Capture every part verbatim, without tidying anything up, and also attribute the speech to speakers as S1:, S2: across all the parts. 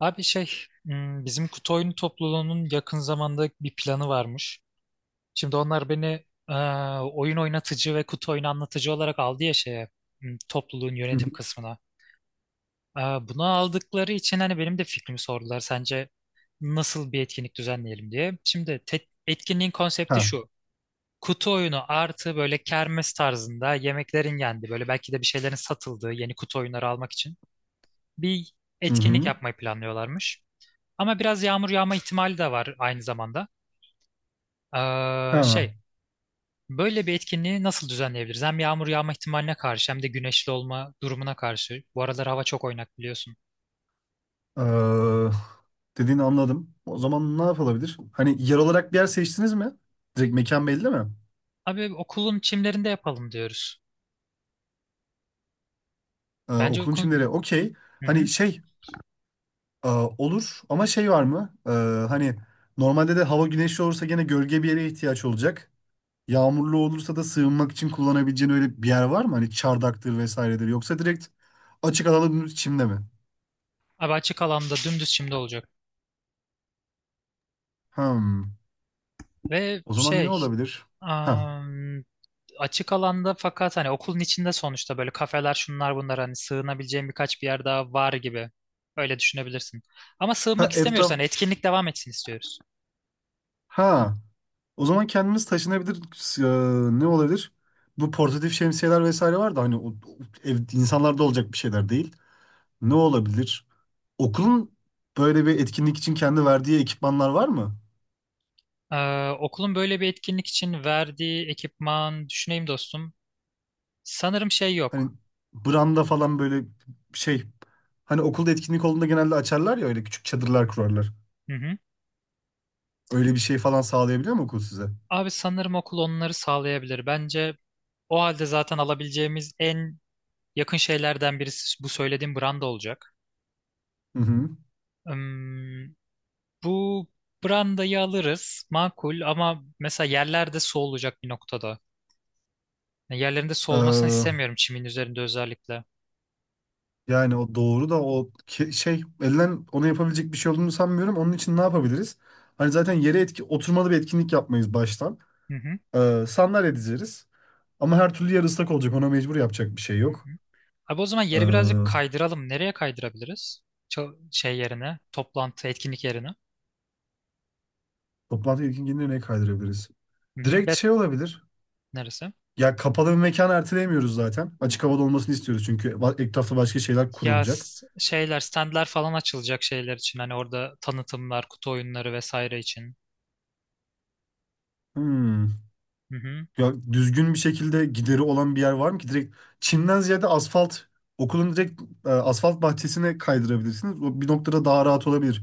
S1: Abi şey, hmm, bizim kutu oyunu topluluğunun yakın zamanda bir planı varmış. Şimdi onlar beni e, oyun oynatıcı ve kutu oyunu anlatıcı olarak aldı ya şeye, hmm, topluluğun
S2: Hı hı.
S1: yönetim kısmına. E, bunu aldıkları için hani benim de fikrimi sordular. Sence nasıl bir etkinlik düzenleyelim diye. Şimdi te- etkinliğin konsepti
S2: Ha.
S1: şu. Kutu oyunu artı böyle kermes tarzında yemeklerin yendiği, böyle belki de bir şeylerin satıldığı yeni kutu oyunları almak için bir
S2: Hı
S1: etkinlik
S2: hı.
S1: yapmayı planlıyorlarmış. Ama biraz yağmur yağma ihtimali de var aynı zamanda. Ee,
S2: Ha.
S1: şey, böyle bir etkinliği nasıl düzenleyebiliriz? Hem yağmur yağma ihtimaline karşı hem de güneşli olma durumuna karşı. Bu aralar hava çok oynak biliyorsun.
S2: Ee, Dediğini anladım. O zaman ne yapılabilir? Hani yer olarak bir yer seçtiniz mi? Direkt mekan belli mi?
S1: Abi okulun çimlerinde yapalım diyoruz.
S2: Ee,
S1: Bence
S2: okulun
S1: okulun...
S2: çimleri. Okey.
S1: Hı
S2: Hani
S1: hı.
S2: şey e, olur ama şey var mı? Ee, hani normalde de hava güneşli olursa gene gölge bir yere ihtiyaç olacak. Yağmurlu olursa da sığınmak için kullanabileceğin öyle bir yer var mı? Hani çardaktır vesairedir. Yoksa direkt açık alanın çimde mi?
S1: Abi açık alanda dümdüz çimde olacak.
S2: Hmm.
S1: Ve
S2: O zaman ne
S1: şey...
S2: olabilir? Ha.
S1: am, açık alanda fakat hani okulun içinde sonuçta böyle kafeler şunlar bunlar hani sığınabileceğim birkaç bir yer daha var gibi. Öyle düşünebilirsin. Ama
S2: Ha
S1: sığınmak istemiyoruz.
S2: etraf.
S1: Hani etkinlik devam etsin istiyoruz.
S2: Ha. O zaman kendimiz taşınabilir eee, ne olabilir? Bu portatif şemsiyeler vesaire var da hani o, o ev, insanlarda olacak bir şeyler değil. Ne olabilir? Okulun böyle bir etkinlik için kendi verdiği ekipmanlar var mı?
S1: Ee, okulun böyle bir etkinlik için verdiği ekipman düşüneyim dostum. Sanırım şey
S2: Hani
S1: yok.
S2: branda falan böyle şey hani okulda etkinlik olduğunda genelde açarlar ya öyle küçük çadırlar kurarlar.
S1: Hı hı.
S2: Öyle bir şey falan sağlayabiliyor mu okul size?
S1: Abi sanırım okul onları sağlayabilir. Bence o halde zaten alabileceğimiz en yakın şeylerden birisi bu söylediğim branda olacak.
S2: Hı
S1: Hmm, Bu brandayı alırız makul ama mesela yerlerde su olacak bir noktada. Yani yerlerinde su olmasını
S2: hı.
S1: istemiyorum çimin üzerinde özellikle.
S2: Yani o doğru da o ke- şey elden ona yapabilecek bir şey olduğunu sanmıyorum. Onun için ne yapabiliriz? Hani zaten yere etki oturmalı bir etkinlik yapmayız baştan.
S1: Hı hı.
S2: Ee, sandalye dizeriz. Ama her türlü yer ıslak olacak. Ona mecbur yapacak bir şey
S1: Hı
S2: yok.
S1: hı. Abi o zaman yeri birazcık
S2: Ee,
S1: kaydıralım. Nereye kaydırabiliriz? Ço- şey yerine, toplantı, etkinlik yerine.
S2: Toplantı etkinliğini ne kaydırabiliriz?
S1: Hı hı,
S2: Direkt
S1: Bet
S2: şey olabilir.
S1: neresi?
S2: Ya kapalı bir mekan erteleyemiyoruz zaten. Açık havada olmasını istiyoruz çünkü va- etrafta başka şeyler
S1: Ya
S2: kurulacak.
S1: s- şeyler, standlar falan açılacak şeyler için. Hani orada tanıtımlar, kutu oyunları vesaire için.
S2: Hmm.
S1: Hı hı,
S2: Ya düzgün bir şekilde gideri olan bir yer var mı ki? Direkt çimden ziyade asfalt, okulun direkt e, asfalt bahçesine kaydırabilirsiniz. O bir noktada daha rahat olabilir.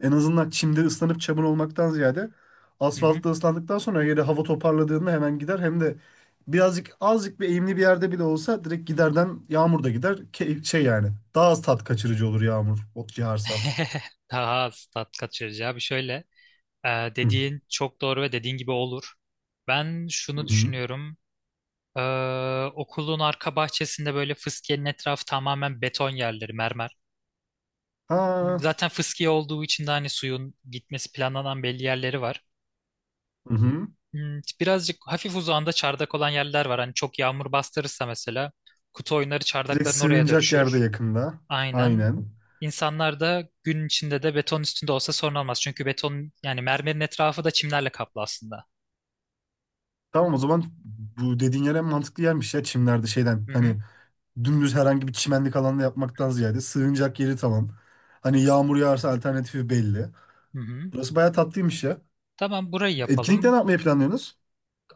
S2: En azından çimde ıslanıp çamur olmaktan ziyade
S1: hı hı.
S2: asfaltta ıslandıktan sonra yere hava toparladığında hemen gider. Hem de birazcık azıcık bir eğimli bir yerde bile olsa direkt giderden yağmur da gider. Ke- şey yani daha az tat kaçırıcı olur yağmur ot yağarsa.
S1: Daha az tat kaçırıcı abi. Şöyle, e,
S2: Hı
S1: dediğin çok doğru ve dediğin gibi olur. Ben şunu
S2: hı.
S1: düşünüyorum. E, Okulun arka bahçesinde böyle fıskiyenin etrafı tamamen beton yerleri, mermer.
S2: Ha,
S1: Zaten fıskiye olduğu için de hani suyun gitmesi planlanan belli yerleri var.
S2: hı hı.
S1: Hmm, Birazcık hafif uzağında çardak olan yerler var. Hani çok yağmur bastırırsa mesela kutu oyunları
S2: Direkt
S1: çardakların oraya
S2: sığınacak yerde
S1: dönüşür.
S2: yakında.
S1: Aynen.
S2: Aynen.
S1: İnsanlar da gün içinde de beton üstünde olsa sorun olmaz. Çünkü beton yani mermerin etrafı da çimlerle kaplı aslında.
S2: Tamam o zaman bu dediğin yer en mantıklı yermiş ya çimlerde şeyden.
S1: Hı hı.
S2: Hani dümdüz herhangi bir çimenlik alanda yapmaktan ziyade sığınacak yeri tamam. Hani yağmur yağarsa alternatifi belli.
S1: Hı hı.
S2: Burası bayağı tatlıymış ya.
S1: Tamam burayı
S2: Etkinlikte
S1: yapalım.
S2: ne yapmayı planlıyorsunuz?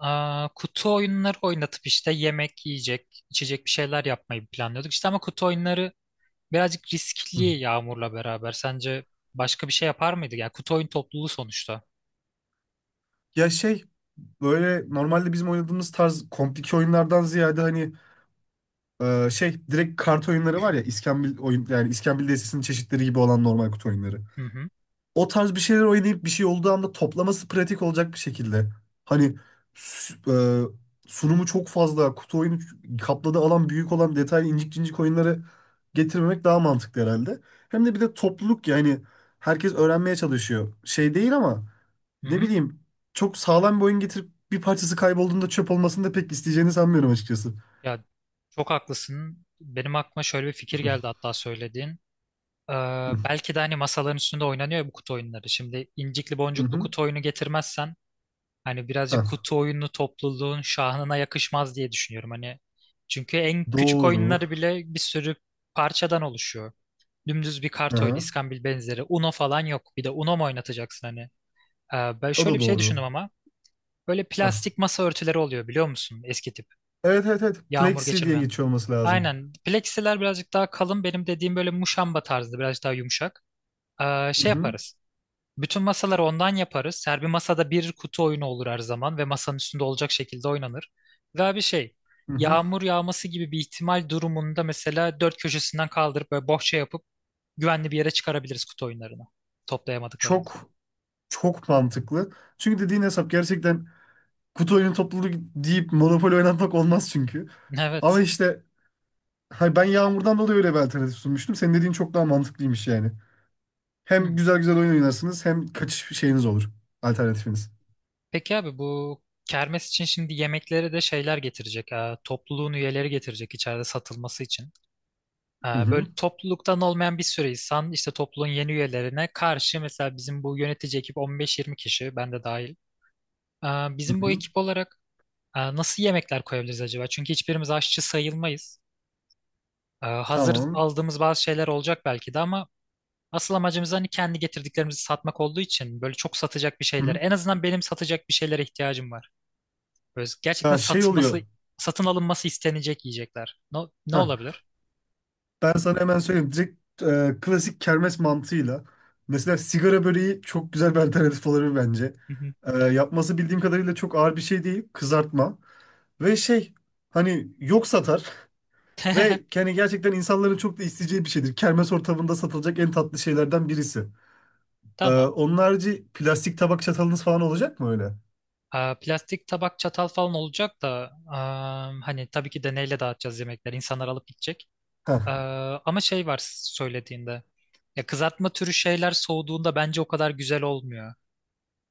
S1: Aa, kutu oyunları oynatıp işte yemek, yiyecek, içecek bir şeyler yapmayı planlıyorduk. İşte ama kutu oyunları birazcık
S2: Hı.
S1: riskli Yağmur'la beraber. Sence başka bir şey yapar mıydı? Ya kutu oyun topluluğu sonuçta.
S2: Ya şey böyle normalde bizim oynadığımız tarz komplike oyunlardan ziyade hani e, şey direkt kart oyunları var ya İskambil oyun yani İskambil destesinin çeşitleri gibi olan normal kutu oyunları.
S1: Hı hı.
S2: O tarz bir şeyler oynayıp bir şey olduğu anda toplaması pratik olacak bir şekilde. Hani s- e, sunumu çok fazla, kutu oyunu kapladığı alan büyük olan detaylı incik cincik oyunları getirmemek daha mantıklı herhalde. Hem de bir de topluluk yani herkes öğrenmeye çalışıyor. Şey değil ama
S1: Hı
S2: ne
S1: hı.
S2: bileyim çok sağlam bir oyun getirip bir parçası kaybolduğunda çöp olmasını da pek isteyeceğini sanmıyorum açıkçası.
S1: Ya çok haklısın. Benim aklıma şöyle bir fikir geldi hatta söylediğin. Ee,
S2: Hı
S1: Belki de hani masaların üstünde oynanıyor ya bu kutu oyunları. Şimdi incikli
S2: hı.
S1: boncuklu
S2: hı.
S1: kutu oyunu getirmezsen hani birazcık
S2: Hah.
S1: kutu oyunu topluluğun şahına yakışmaz diye düşünüyorum. Hani çünkü en küçük
S2: Doğru.
S1: oyunları bile bir sürü parçadan oluşuyor. Dümdüz bir kart oyunu,
S2: Aha.
S1: iskambil benzeri. Uno falan yok. Bir de Uno mu oynatacaksın hani? Ee, ben
S2: O
S1: şöyle
S2: da
S1: bir şey
S2: doğru.
S1: düşündüm ama. Böyle
S2: Hah.
S1: plastik masa örtüleri oluyor biliyor musun? Eski tip.
S2: Evet evet evet.
S1: Yağmur
S2: Plexi diye
S1: geçirmeyen.
S2: geçiyor olması lazım.
S1: Aynen. Plexiler birazcık daha kalın. Benim dediğim böyle muşamba tarzı. Birazcık daha yumuşak. Ee,
S2: Hı
S1: şey
S2: hı,
S1: yaparız. Bütün masaları ondan yaparız. Her bir masada bir kutu oyunu olur her zaman. Ve masanın üstünde olacak şekilde oynanır. Ve bir şey.
S2: hı hı.
S1: Yağmur yağması gibi bir ihtimal durumunda mesela dört köşesinden kaldırıp böyle bohça yapıp güvenli bir yere çıkarabiliriz kutu oyunlarını. Toplayamadıklarımızı.
S2: Çok çok mantıklı. Çünkü dediğin hesap gerçekten kutu oyunu topluluğu deyip Monopoly oynatmak olmaz çünkü.
S1: Evet.
S2: Ama işte hay ben Yağmur'dan dolayı öyle bir alternatif sunmuştum. Senin dediğin çok daha mantıklıymış yani.
S1: Hı.
S2: Hem güzel güzel oyun oynarsınız hem kaçış şeyiniz olur. Alternatifiniz.
S1: Peki abi bu kermes için şimdi yemeklere de şeyler getirecek. E, topluluğun üyeleri getirecek içeride satılması için. E,
S2: Hı
S1: böyle
S2: hı,
S1: topluluktan olmayan bir sürü insan işte topluluğun yeni üyelerine karşı mesela bizim bu yönetici ekip on beş yirmi kişi ben de dahil. E,
S2: hı
S1: Bizim bu
S2: hı.
S1: ekip olarak e, nasıl yemekler koyabiliriz acaba? Çünkü hiçbirimiz aşçı sayılmayız. E, hazır
S2: Tamam.
S1: aldığımız bazı şeyler olacak belki de ama asıl amacımız hani kendi getirdiklerimizi satmak olduğu için böyle çok satacak bir
S2: Hı
S1: şeyler.
S2: hı.
S1: En azından benim satacak bir şeylere ihtiyacım var. Böyle gerçekten
S2: Ya şey
S1: satılması,
S2: oluyor.
S1: satın alınması istenecek yiyecekler. Ne, ne
S2: Heh,
S1: olabilir?
S2: ben sana hemen söyleyeyim. Direkt e, klasik kermes mantığıyla. Mesela sigara böreği çok güzel bir alternatif olabilir bence.
S1: Hı hı.
S2: E, yapması bildiğim kadarıyla çok ağır bir şey değil. Kızartma. Ve şey hani yok satar. Ve yani gerçekten insanların çok da isteyeceği bir şeydir. Kermes ortamında satılacak en tatlı şeylerden birisi. E,
S1: Tamam.
S2: onun harici plastik tabak çatalınız falan olacak mı öyle?
S1: Aa, plastik tabak çatal falan olacak da aa, hani tabii ki deneyle dağıtacağız yemekleri. İnsanlar alıp gidecek.
S2: Ha,
S1: Aa, ama şey var söylediğinde. Ya kızartma türü şeyler soğuduğunda bence o kadar güzel olmuyor.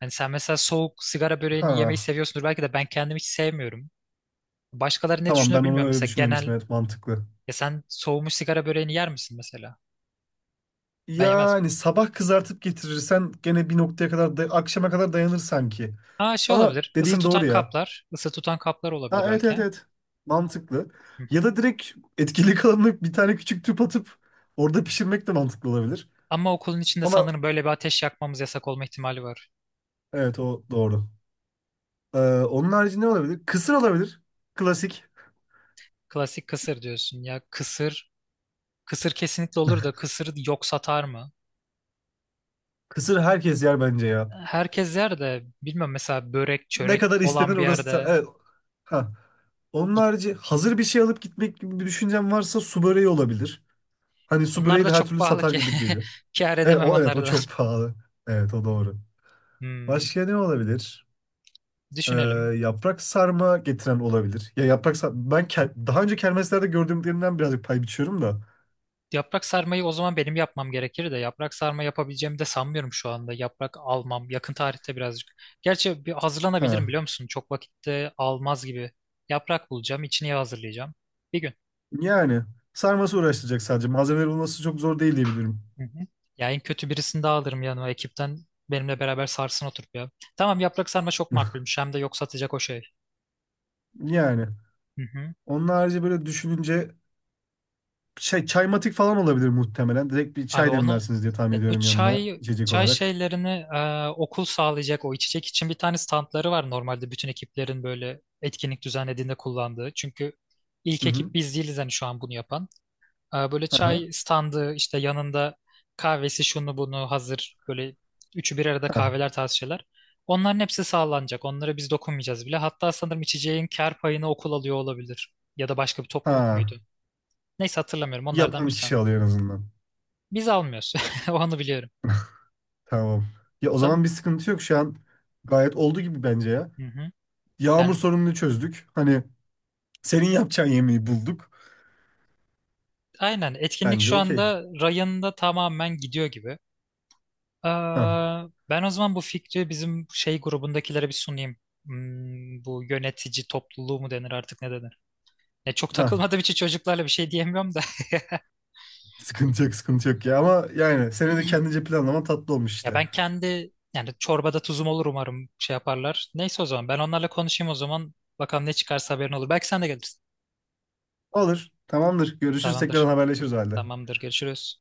S1: Hani sen mesela soğuk sigara böreğini yemeyi
S2: ha.
S1: seviyorsundur belki de ben kendim hiç sevmiyorum. Başkaları ne
S2: Tamam
S1: düşünür
S2: ben onu
S1: bilmiyorum.
S2: öyle
S1: Mesela genel
S2: düşünmemiştim. Evet mantıklı.
S1: ya sen soğumuş sigara böreğini yer misin mesela? Ben yemez
S2: Yani sabah kızartıp getirirsen gene bir noktaya kadar da- akşama kadar dayanır sanki.
S1: Aa, şey
S2: Ama
S1: olabilir. Isı
S2: dediğin
S1: tutan
S2: doğru ya.
S1: kaplar. Isı tutan kaplar olabilir
S2: Ha, evet
S1: belki.
S2: evet
S1: Ha.
S2: evet. Mantıklı.
S1: Hı
S2: Ya
S1: hı.
S2: da direkt etkili kalanını bir tane küçük tüp atıp orada pişirmek de mantıklı olabilir.
S1: Ama okulun içinde
S2: Ama
S1: sanırım böyle bir ateş yakmamız yasak olma ihtimali var.
S2: evet o doğru. Ee, onun harici ne olabilir? Kısır olabilir. Klasik.
S1: Klasik kısır diyorsun ya. Kısır. Kısır kesinlikle olur da kısır yok satar mı?
S2: Kısır herkes yer bence ya.
S1: Herkes yer de bilmiyorum mesela börek
S2: Ne
S1: çörek
S2: kadar
S1: olan
S2: istenir
S1: bir
S2: orası. Da-
S1: yerde.
S2: Evet. Ha. Onun harici hazır bir şey alıp gitmek gibi bir düşüncem varsa su böreği olabilir. Hani su
S1: Onlar
S2: böreği
S1: da
S2: de her
S1: çok
S2: türlü
S1: pahalı
S2: satar
S1: ki.
S2: gibi geliyor.
S1: Kâr
S2: Evet
S1: edemem
S2: o, evet
S1: onları
S2: o
S1: da.
S2: çok pahalı. Evet o doğru.
S1: Hmm,
S2: Başka ne olabilir? Ee,
S1: Düşünelim.
S2: Yaprak sarma getiren olabilir. Ya yaprak sarma ben ke- daha önce kermeslerde gördüğümlerimden birazcık pay biçiyorum da.
S1: Yaprak sarmayı o zaman benim yapmam gerekir de yaprak sarma yapabileceğimi de sanmıyorum şu anda. Yaprak almam yakın tarihte birazcık. Gerçi bir hazırlanabilirim
S2: Ha.
S1: biliyor musun? Çok vakitte almaz gibi. Yaprak bulacağım, içini hazırlayacağım. Bir gün.
S2: Yani sarması uğraştıracak sadece. Malzemeleri bulması çok zor değil diye biliyorum.
S1: Hı hı. Ya en kötü birisini daha alırım yanıma ekipten. Benimle beraber sarsın oturup ya. Tamam yaprak sarma çok makulmüş. Hem de yok satacak o şey.
S2: Yani
S1: Hı hı.
S2: onun harici böyle düşününce şey çaymatik falan olabilir muhtemelen. Direkt bir
S1: Abi
S2: çay
S1: onu
S2: demlersiniz diye tahmin
S1: evet, bu
S2: ediyorum yanına
S1: çay
S2: içecek
S1: çay
S2: olarak.
S1: şeylerini e, okul sağlayacak o içecek için bir tane standları var normalde bütün ekiplerin böyle etkinlik düzenlediğinde kullandığı. Çünkü
S2: Hı
S1: ilk
S2: hı.
S1: ekip biz değiliz hani şu an bunu yapan. E, böyle
S2: Aha.
S1: çay standı işte yanında kahvesi şunu bunu hazır böyle üçü bir arada
S2: Ha.
S1: kahveler tarzı şeyler. Onların hepsi sağlanacak. Onlara biz dokunmayacağız bile. Hatta sanırım içeceğin kar payını okul alıyor olabilir. Ya da başka bir topluluk
S2: Ha.
S1: muydu? Neyse hatırlamıyorum. Onlardan
S2: Yapan
S1: birisi.
S2: kişi alıyor en azından.
S1: Biz almıyoruz. Onu biliyorum.
S2: Tamam. Ya o zaman
S1: Tam
S2: bir sıkıntı yok şu an. Gayet oldu gibi bence ya.
S1: Hı hı.
S2: Yağmur
S1: yani
S2: sorununu çözdük. Hani senin yapacağın yemeği bulduk.
S1: aynen etkinlik
S2: Bence
S1: şu
S2: okey.
S1: anda rayında tamamen gidiyor gibi.
S2: Ha
S1: Aa, ben o zaman bu fikri bizim şey grubundakilere bir sunayım. Hmm, bu yönetici topluluğu mu denir artık ne denir? Ya çok
S2: ha.
S1: takılmadığım için çocuklarla bir şey diyemiyorum da.
S2: Sıkıntı yok, sıkıntı yok ya. Ama yani seni de kendince planlaman tatlı olmuş
S1: Ya
S2: işte.
S1: ben kendi yani çorbada tuzum olur umarım şey yaparlar. Neyse o zaman ben onlarla konuşayım o zaman. Bakalım ne çıkarsa haberin olur. Belki sen de gelirsin.
S2: Olur. Tamamdır. Görüşürüz. Tekrar
S1: Tamamdır.
S2: haberleşiriz o halde.
S1: Tamamdır. Görüşürüz.